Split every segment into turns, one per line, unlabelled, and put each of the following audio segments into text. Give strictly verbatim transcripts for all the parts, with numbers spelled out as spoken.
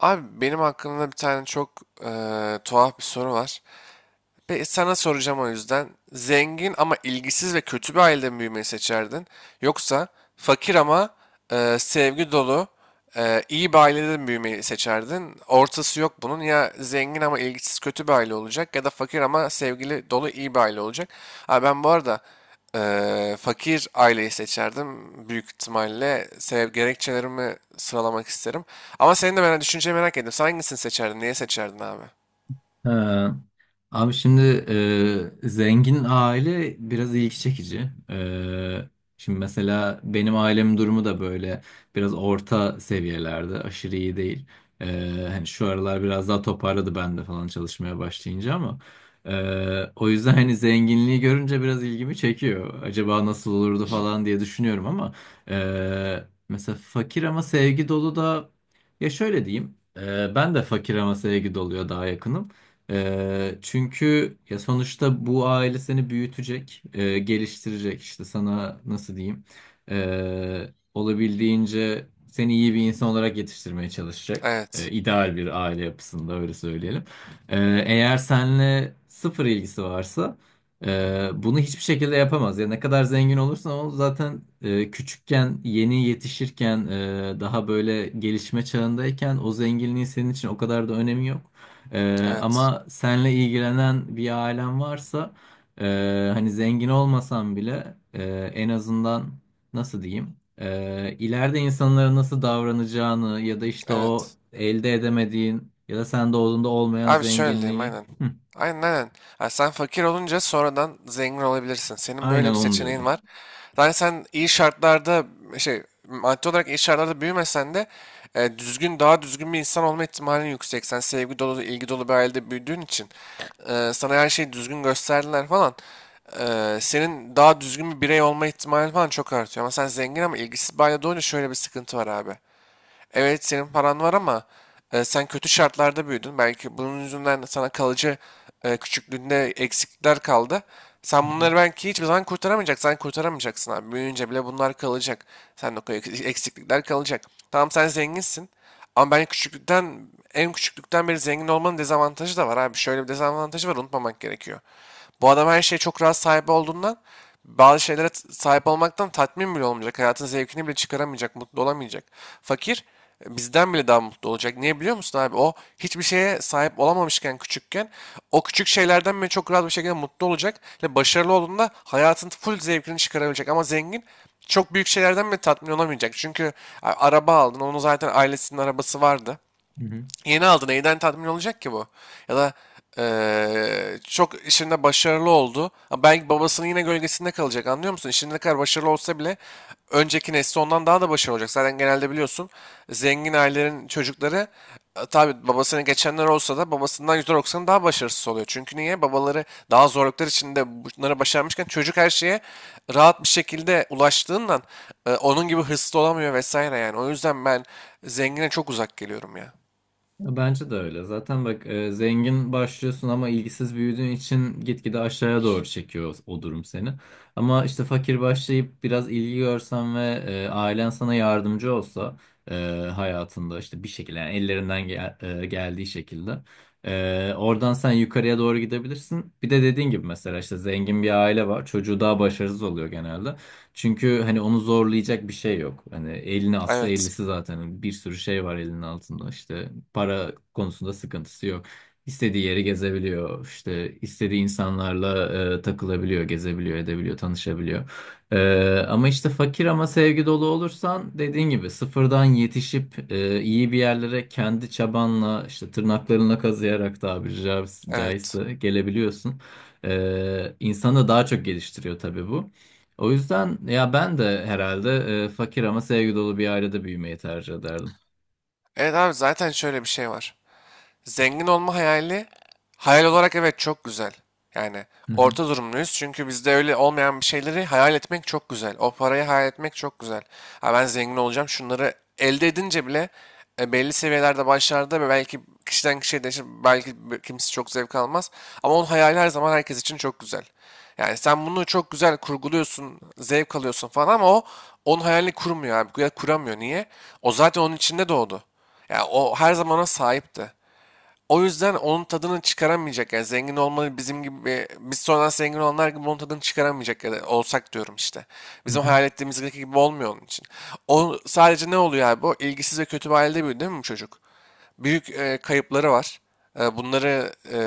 Abi benim hakkımda bir tane çok eee, tuhaf bir soru var. Peki sana soracağım o yüzden. Zengin ama ilgisiz ve kötü bir ailede mi büyümeyi seçerdin? Yoksa fakir ama e, sevgi dolu, e, iyi bir ailede mi büyümeyi seçerdin? Ortası yok bunun. Ya zengin ama ilgisiz kötü bir aile olacak ya da fakir ama sevgili dolu iyi bir aile olacak. Ha, ben bu arada e, fakir aileyi seçerdim. Büyük ihtimalle sev gerekçelerimi sıralamak isterim. Ama senin de merak, düşünceni merak ettim. Sen hangisini seçerdin? Niye seçerdin abi?
Ha. Abi şimdi e, zengin aile biraz ilgi çekici. E, şimdi mesela benim ailemin durumu da böyle biraz orta seviyelerde, aşırı iyi değil. E, hani şu aralar biraz daha toparladı ben de falan çalışmaya başlayınca ama e, o yüzden hani zenginliği görünce biraz ilgimi çekiyor. Acaba nasıl olurdu falan diye düşünüyorum ama e, mesela fakir ama sevgi dolu da, ya şöyle diyeyim, e, ben de fakir ama sevgi doluya daha yakınım. Ee, çünkü ya sonuçta bu aile seni büyütecek, e, geliştirecek, işte sana nasıl diyeyim, Ee, olabildiğince seni iyi bir insan olarak yetiştirmeye çalışacak. Ee,
Evet.
ideal bir aile yapısında, öyle söyleyelim. Ee, eğer seninle sıfır ilgisi varsa e, bunu hiçbir şekilde yapamaz. Ya ne kadar zengin olursan ol zaten, e, küçükken, yeni yetişirken, e, daha böyle gelişme çağındayken o zenginliğin senin için o kadar da önemi yok. Ee,
Evet.
ama senle ilgilenen bir ailen varsa, e, hani zengin olmasan bile, e, en azından nasıl diyeyim, e, ileride insanlara nasıl davranacağını ya da işte o
Evet.
elde edemediğin ya da sen doğduğunda olmayan
Abi şöyle diyeyim
zenginliği...
aynen.
Hı,
Aynen aynen. Ha, sen fakir olunca sonradan zengin olabilirsin. Senin böyle
aynen
bir
onu
seçeneğin
diyordum.
var. Yani sen iyi şartlarda şey maddi olarak iyi şartlarda büyümesen de e, düzgün daha düzgün bir insan olma ihtimalin yüksek. Sen sevgi dolu, ilgi dolu bir ailede büyüdüğün için e, sana her şeyi düzgün gösterdiler falan. E, senin daha düzgün bir birey olma ihtimalin falan çok artıyor. Ama sen zengin ama ilgisiz bir ailede olunca şöyle bir sıkıntı var abi. Evet, senin paran var ama e, sen kötü şartlarda büyüdün. Belki bunun yüzünden sana kalıcı e, küçüklüğünde eksiklikler kaldı. Sen
Hı hı.
bunları belki hiçbir zaman kurtaramayacaksın. Sen kurtaramayacaksın abi. Büyüyünce bile bunlar kalacak. Sen de o eksiklikler kalacak. Tamam, sen zenginsin. Ama ben küçüklükten, en küçüklükten beri zengin olmanın dezavantajı da var abi. Şöyle bir dezavantajı var, unutmamak gerekiyor. Bu adam her şeye çok rahat sahibi olduğundan bazı şeylere t- sahip olmaktan tatmin bile olmayacak. Hayatın zevkini bile çıkaramayacak, mutlu olamayacak. Fakir e, bizden bile daha yüzden mutlu olacak. Niye biliyor musun abi? O hiçbir şeye sahip olamamışken küçükken o küçük şeylerden bile çok rahat bir şekilde mutlu olacak. Ve başarılı olduğunda hayatın full zevkini çıkarabilecek. Ama zengin çok büyük şeylerden bile tatmin olamayacak. Çünkü a- araba aldın. Onun zaten ailesinin arabası vardı.
Hı hı.
Yeni aldı. Neyden tatmin olacak ki bu? Ya da eee, çok işinde başarılı oldu. Ama belki babasının yine gölgesinde kalacak. Anlıyor musun? İşinde ne kadar başarılı olsa bile önceki nesli ondan daha da başarılı olacak. Zaten genelde biliyorsun, zengin ailelerin çocukları e, tabii babasını geçenler olsa da babasından yüzde doksan daha başarısız oluyor. Çünkü niye? Babaları daha zorluklar içinde bunları başarmışken çocuk her şeye rahat bir şekilde ulaştığından e, onun gibi hırslı olamıyor vesaire yani. O yüzden ben zengine çok uzak geliyorum ya.
Bence de öyle. Zaten bak, e, zengin başlıyorsun ama ilgisiz büyüdüğün için gitgide aşağıya doğru çekiyor o durum seni. Ama işte fakir başlayıp biraz ilgi görsen ve e, ailen sana yardımcı olsa, e, hayatında işte bir şekilde, yani ellerinden gel- e, geldiği şekilde e, oradan sen yukarıya doğru gidebilirsin. Bir de dediğin gibi mesela işte zengin bir aile var. Çocuğu daha başarısız oluyor genelde. Çünkü hani onu zorlayacak bir şey yok. Hani elini atsa
Evet.
ellisi, zaten bir sürü şey var elinin altında, işte para konusunda sıkıntısı yok. İstediği yeri gezebiliyor. İşte istediği insanlarla e, takılabiliyor, gezebiliyor, edebiliyor, tanışabiliyor. E, ama işte fakir ama sevgi dolu olursan, dediğin gibi sıfırdan yetişip e, iyi bir yerlere kendi çabanla, işte tırnaklarına kazıyarak tabiri ca-
Evet.
caizse gelebiliyorsun. E, insanı daha çok geliştiriyor tabii bu. O yüzden ya ben de herhalde e, fakir ama sevgi dolu bir ailede büyümeyi tercih ederdim.
Evet abi, zaten şöyle bir şey var. Zengin olma hayali, hayal olarak evet çok güzel. Yani
Hı hı,
orta durumluyuz çünkü bizde öyle olmayan bir şeyleri hayal etmek çok güzel. O parayı hayal etmek çok güzel. Ha, ben zengin olacağım şunları elde edince bile e, belli seviyelerde başlarda ve belki kişiden kişiye değişir, belki bir- kimisi çok zevk almaz. Ama onun hayali her zaman herkes için çok güzel. Yani sen bunu çok güzel kurguluyorsun, zevk alıyorsun falan, ama o onun hayalini kurmuyor abi. Ya kuramıyor. Niye? O zaten onun içinde doğdu. Yani o her zamana sahipti. O yüzden onun tadını çıkaramayacak, yani zengin olmalı bizim gibi, biz sonradan zengin olanlar gibi onun tadını çıkaramayacak ya da olsak diyorum işte.
hı
Bizim
hı.
hayal ettiğimiz gibi olmuyor onun için. O sadece ne oluyor abi, o ilgisiz ve kötü bir ailede büyüdü değil mi bu çocuk? Büyük e, kayıpları var. E, bunları e,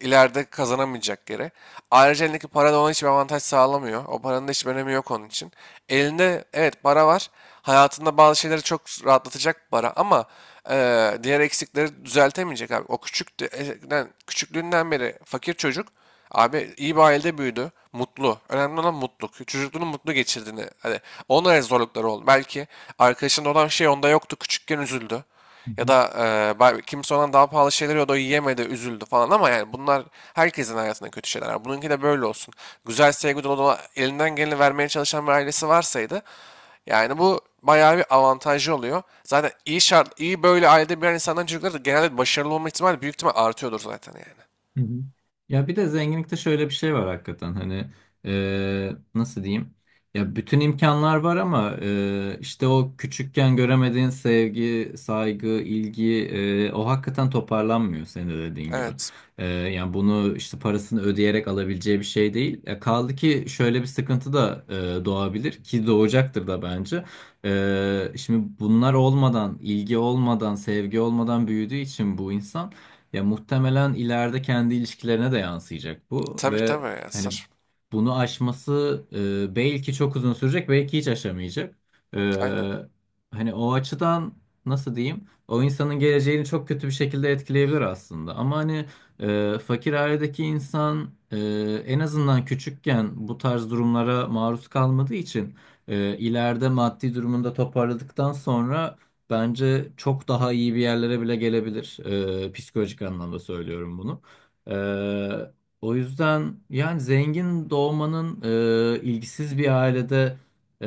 ileride kazanamayacak yere. Ayrıca elindeki para da ona hiçbir avantaj sağlamıyor. O paranın da hiçbir önemi yok onun için. Elinde, evet, para var. Hayatında bazı şeyleri çok rahatlatacak para, ama e, diğer eksikleri düzeltemeyecek abi. O küçük de- eskiden- küçüklüğünden beri fakir çocuk abi iyi bir ailede büyüdü. Mutlu. Önemli olan mutluluk. Çocukluğunu mutlu geçirdiğini. Hani onlara zorlukları oldu. Belki arkadaşında olan şey onda yoktu. Küçükken üzüldü.
Hı
Ya
hı.
da e, ba- kimse ondan daha pahalı şeyler yiyordu, o yiyemedi, üzüldü falan, ama yani bunlar herkesin hayatında kötü şeyler. Var. Bununki de böyle olsun. Güzel sevgi dolu dolu elinden geleni vermeye çalışan bir ailesi varsaydı, yani bu bayağı bir avantajı oluyor. Zaten iyi şart, iyi böyle ailede bir insandan çocukları da genelde başarılı olma ihtimali büyük ihtimal artıyordur zaten yani.
Hı hı. Ya bir de zenginlikte şöyle bir şey var hakikaten, hani e, nasıl diyeyim, ya bütün imkanlar var ama e, işte o küçükken göremediğin sevgi, saygı, ilgi, e, o hakikaten toparlanmıyor, senin de dediğin gibi.
Evet.
E, yani bunu işte parasını ödeyerek alabileceği bir şey değil. E, kaldı ki şöyle bir sıkıntı da e, doğabilir, ki doğacaktır da bence. E, şimdi bunlar olmadan, ilgi olmadan, sevgi olmadan büyüdüğü için bu insan, ya muhtemelen ileride kendi ilişkilerine de yansıyacak bu,
Tabii
ve
tabii ya
hani
sır.
bunu aşması e, belki çok uzun sürecek, belki hiç aşamayacak.
Aynen.
E, hani o açıdan nasıl diyeyim, o insanın geleceğini çok kötü bir şekilde etkileyebilir aslında. Ama hani, e, fakir ailedeki insan e, en azından küçükken bu tarz durumlara maruz kalmadığı için e, ileride maddi durumunda toparladıktan sonra bence çok daha iyi bir yerlere bile gelebilir. Ee, psikolojik anlamda söylüyorum bunu. Ee, o yüzden yani zengin doğmanın e, ilgisiz bir ailede e,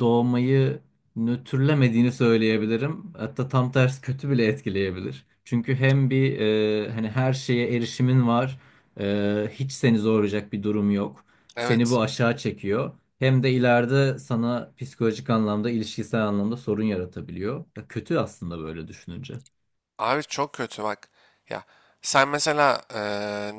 doğmayı nötrlemediğini söyleyebilirim. Hatta tam tersi, kötü bile etkileyebilir. Çünkü hem bir, e, hani her şeye erişimin var, e, hiç seni zorlayacak bir durum yok. Seni
Evet.
bu aşağı çekiyor. Hem de ileride sana psikolojik anlamda, ilişkisel anlamda sorun yaratabiliyor. Ya kötü aslında böyle düşününce.
Abi çok kötü bak. Ya sen mesela eee,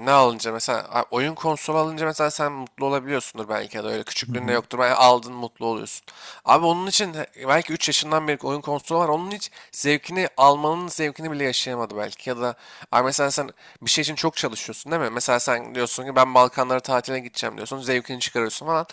ne alınca mesela a- oyun konsolu alınca mesela sen mutlu olabiliyorsundur belki ya da öyle
Hı
küçüklüğünde
hı.
yoktur. Ben aldın mutlu oluyorsun. Abi onun için he- belki üç yaşından beri oyun konsolu var. Onun hiç zevkini almanın zevkini bile yaşayamadı belki. Ya da abi mesela sen bir şey için çok çalışıyorsun değil mi? Mesela sen diyorsun ki, ben Balkanlara tatile gideceğim diyorsun. Zevkini çıkarıyorsun falan.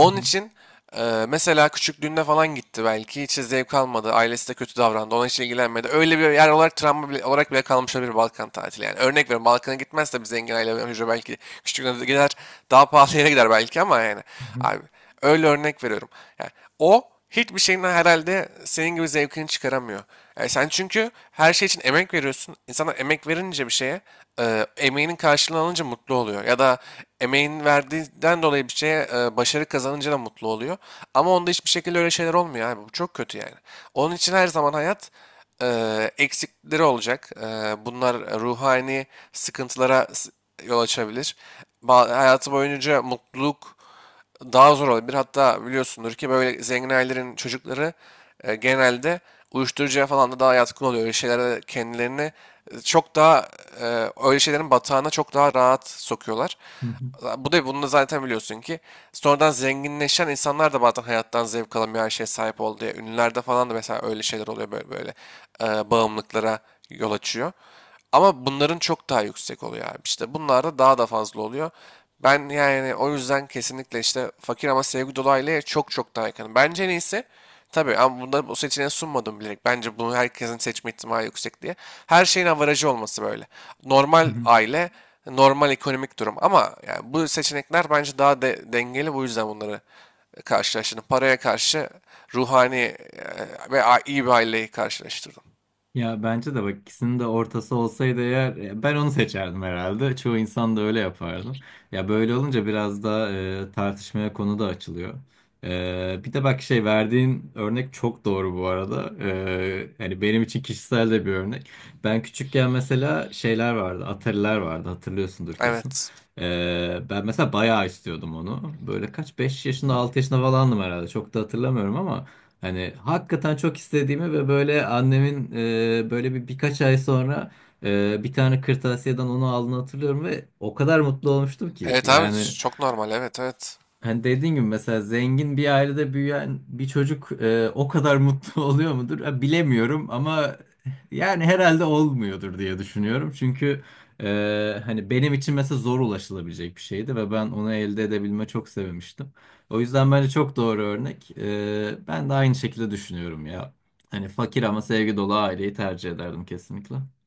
Hı hı.
için ee, mesela küçüklüğünde falan gitti belki. Hiç zevk almadı. Ailesi de kötü davrandı. Ona hiç ilgilenmedi. Öyle bir yer olarak travma bile, olarak bile kalmış olabilir Balkan tatili. Yani örnek veriyorum, Balkan'a gitmez de bir zengin aile hücre belki küçüklüğünde de gider. Daha pahalı yere gider belki ama yani. Abi öyle örnek veriyorum. Yani o hiçbir şeyin herhalde senin gibi zevkini çıkaramıyor. Yani sen çünkü her şey için emek veriyorsun. İnsanlar emek verince bir şeye, e, emeğinin karşılığını alınca mutlu oluyor. Ya da emeğin verdiğinden dolayı bir şeye e, başarı kazanınca da mutlu oluyor. Ama onda hiçbir şekilde öyle şeyler olmuyor abi. Bu çok kötü yani. Onun için her zaman hayat e, eksikleri olacak. E, bunlar ruhani sıkıntılara s- yol açabilir. Ba- hayatı boyunca mutluluk daha zor olabilir. Hatta biliyorsundur ki böyle zengin ailelerin çocukları e, genelde uyuşturucuya falan da daha yatkın oluyor. Öyle şeylere kendilerini e, çok daha e, öyle şeylerin batağına çok daha rahat sokuyorlar.
Hı hı.
Bu da, bunu da zaten biliyorsun ki, sonradan zenginleşen insanlar da bazen hayattan zevk alamıyor her şeye sahip oldu diye. Ünlülerde falan da mesela öyle şeyler oluyor, böyle böyle e, bağımlılıklara yol açıyor. Ama bunların çok daha yüksek oluyor abi. İşte bunlar da daha da fazla oluyor. Ben yani o yüzden kesinlikle işte fakir ama sevgi dolu aileye çok çok daha yakınım. Bence neyse, tabii, ama bunları bu seçeneği sunmadım bilerek. Bence bunu herkesin seçme ihtimali yüksek diye. Her şeyin avarajı olması böyle.
Hı
Normal
hı.
aile, normal ekonomik durum. Ama yani bu seçenekler bence daha de- dengeli. Bu yüzden bunları karşılaştırdım. Paraya karşı ruhani e, ve a- iyi bir aileyi karşılaştırdım.
Ya bence de bak, ikisinin de ortası olsaydı eğer, e, ben onu seçerdim herhalde. Çoğu insan da öyle yapardı. Ya böyle olunca biraz da e, tartışmaya konu da açılıyor. E, bir de bak, şey, verdiğin örnek çok doğru bu arada. E, yani benim için kişisel de bir örnek. Ben küçükken mesela şeyler vardı, Atari'ler vardı, hatırlıyorsundur kesin.
Evet.
E, ben mesela bayağı istiyordum onu. Böyle kaç, beş yaşında altı yaşında falandım herhalde, çok da hatırlamıyorum ama hani hakikaten çok istediğimi ve böyle annemin e, böyle bir birkaç ay sonra e, bir tane kırtasiyeden onu aldığını hatırlıyorum, ve o kadar mutlu olmuştum ki.
Evet abi,
Yani,
çok normal, evet, evet.
hani dediğin gibi mesela zengin bir ailede büyüyen bir çocuk e, o kadar mutlu oluyor mudur? Ha, bilemiyorum ama yani herhalde olmuyordur diye düşünüyorum. Çünkü e, hani benim için mesela zor ulaşılabilecek bir şeydi ve ben onu elde edebilme çok sevmiştim. O yüzden bence çok doğru örnek. E, ben de aynı şekilde düşünüyorum ya. Hani fakir ama sevgi dolu aileyi tercih ederdim kesinlikle.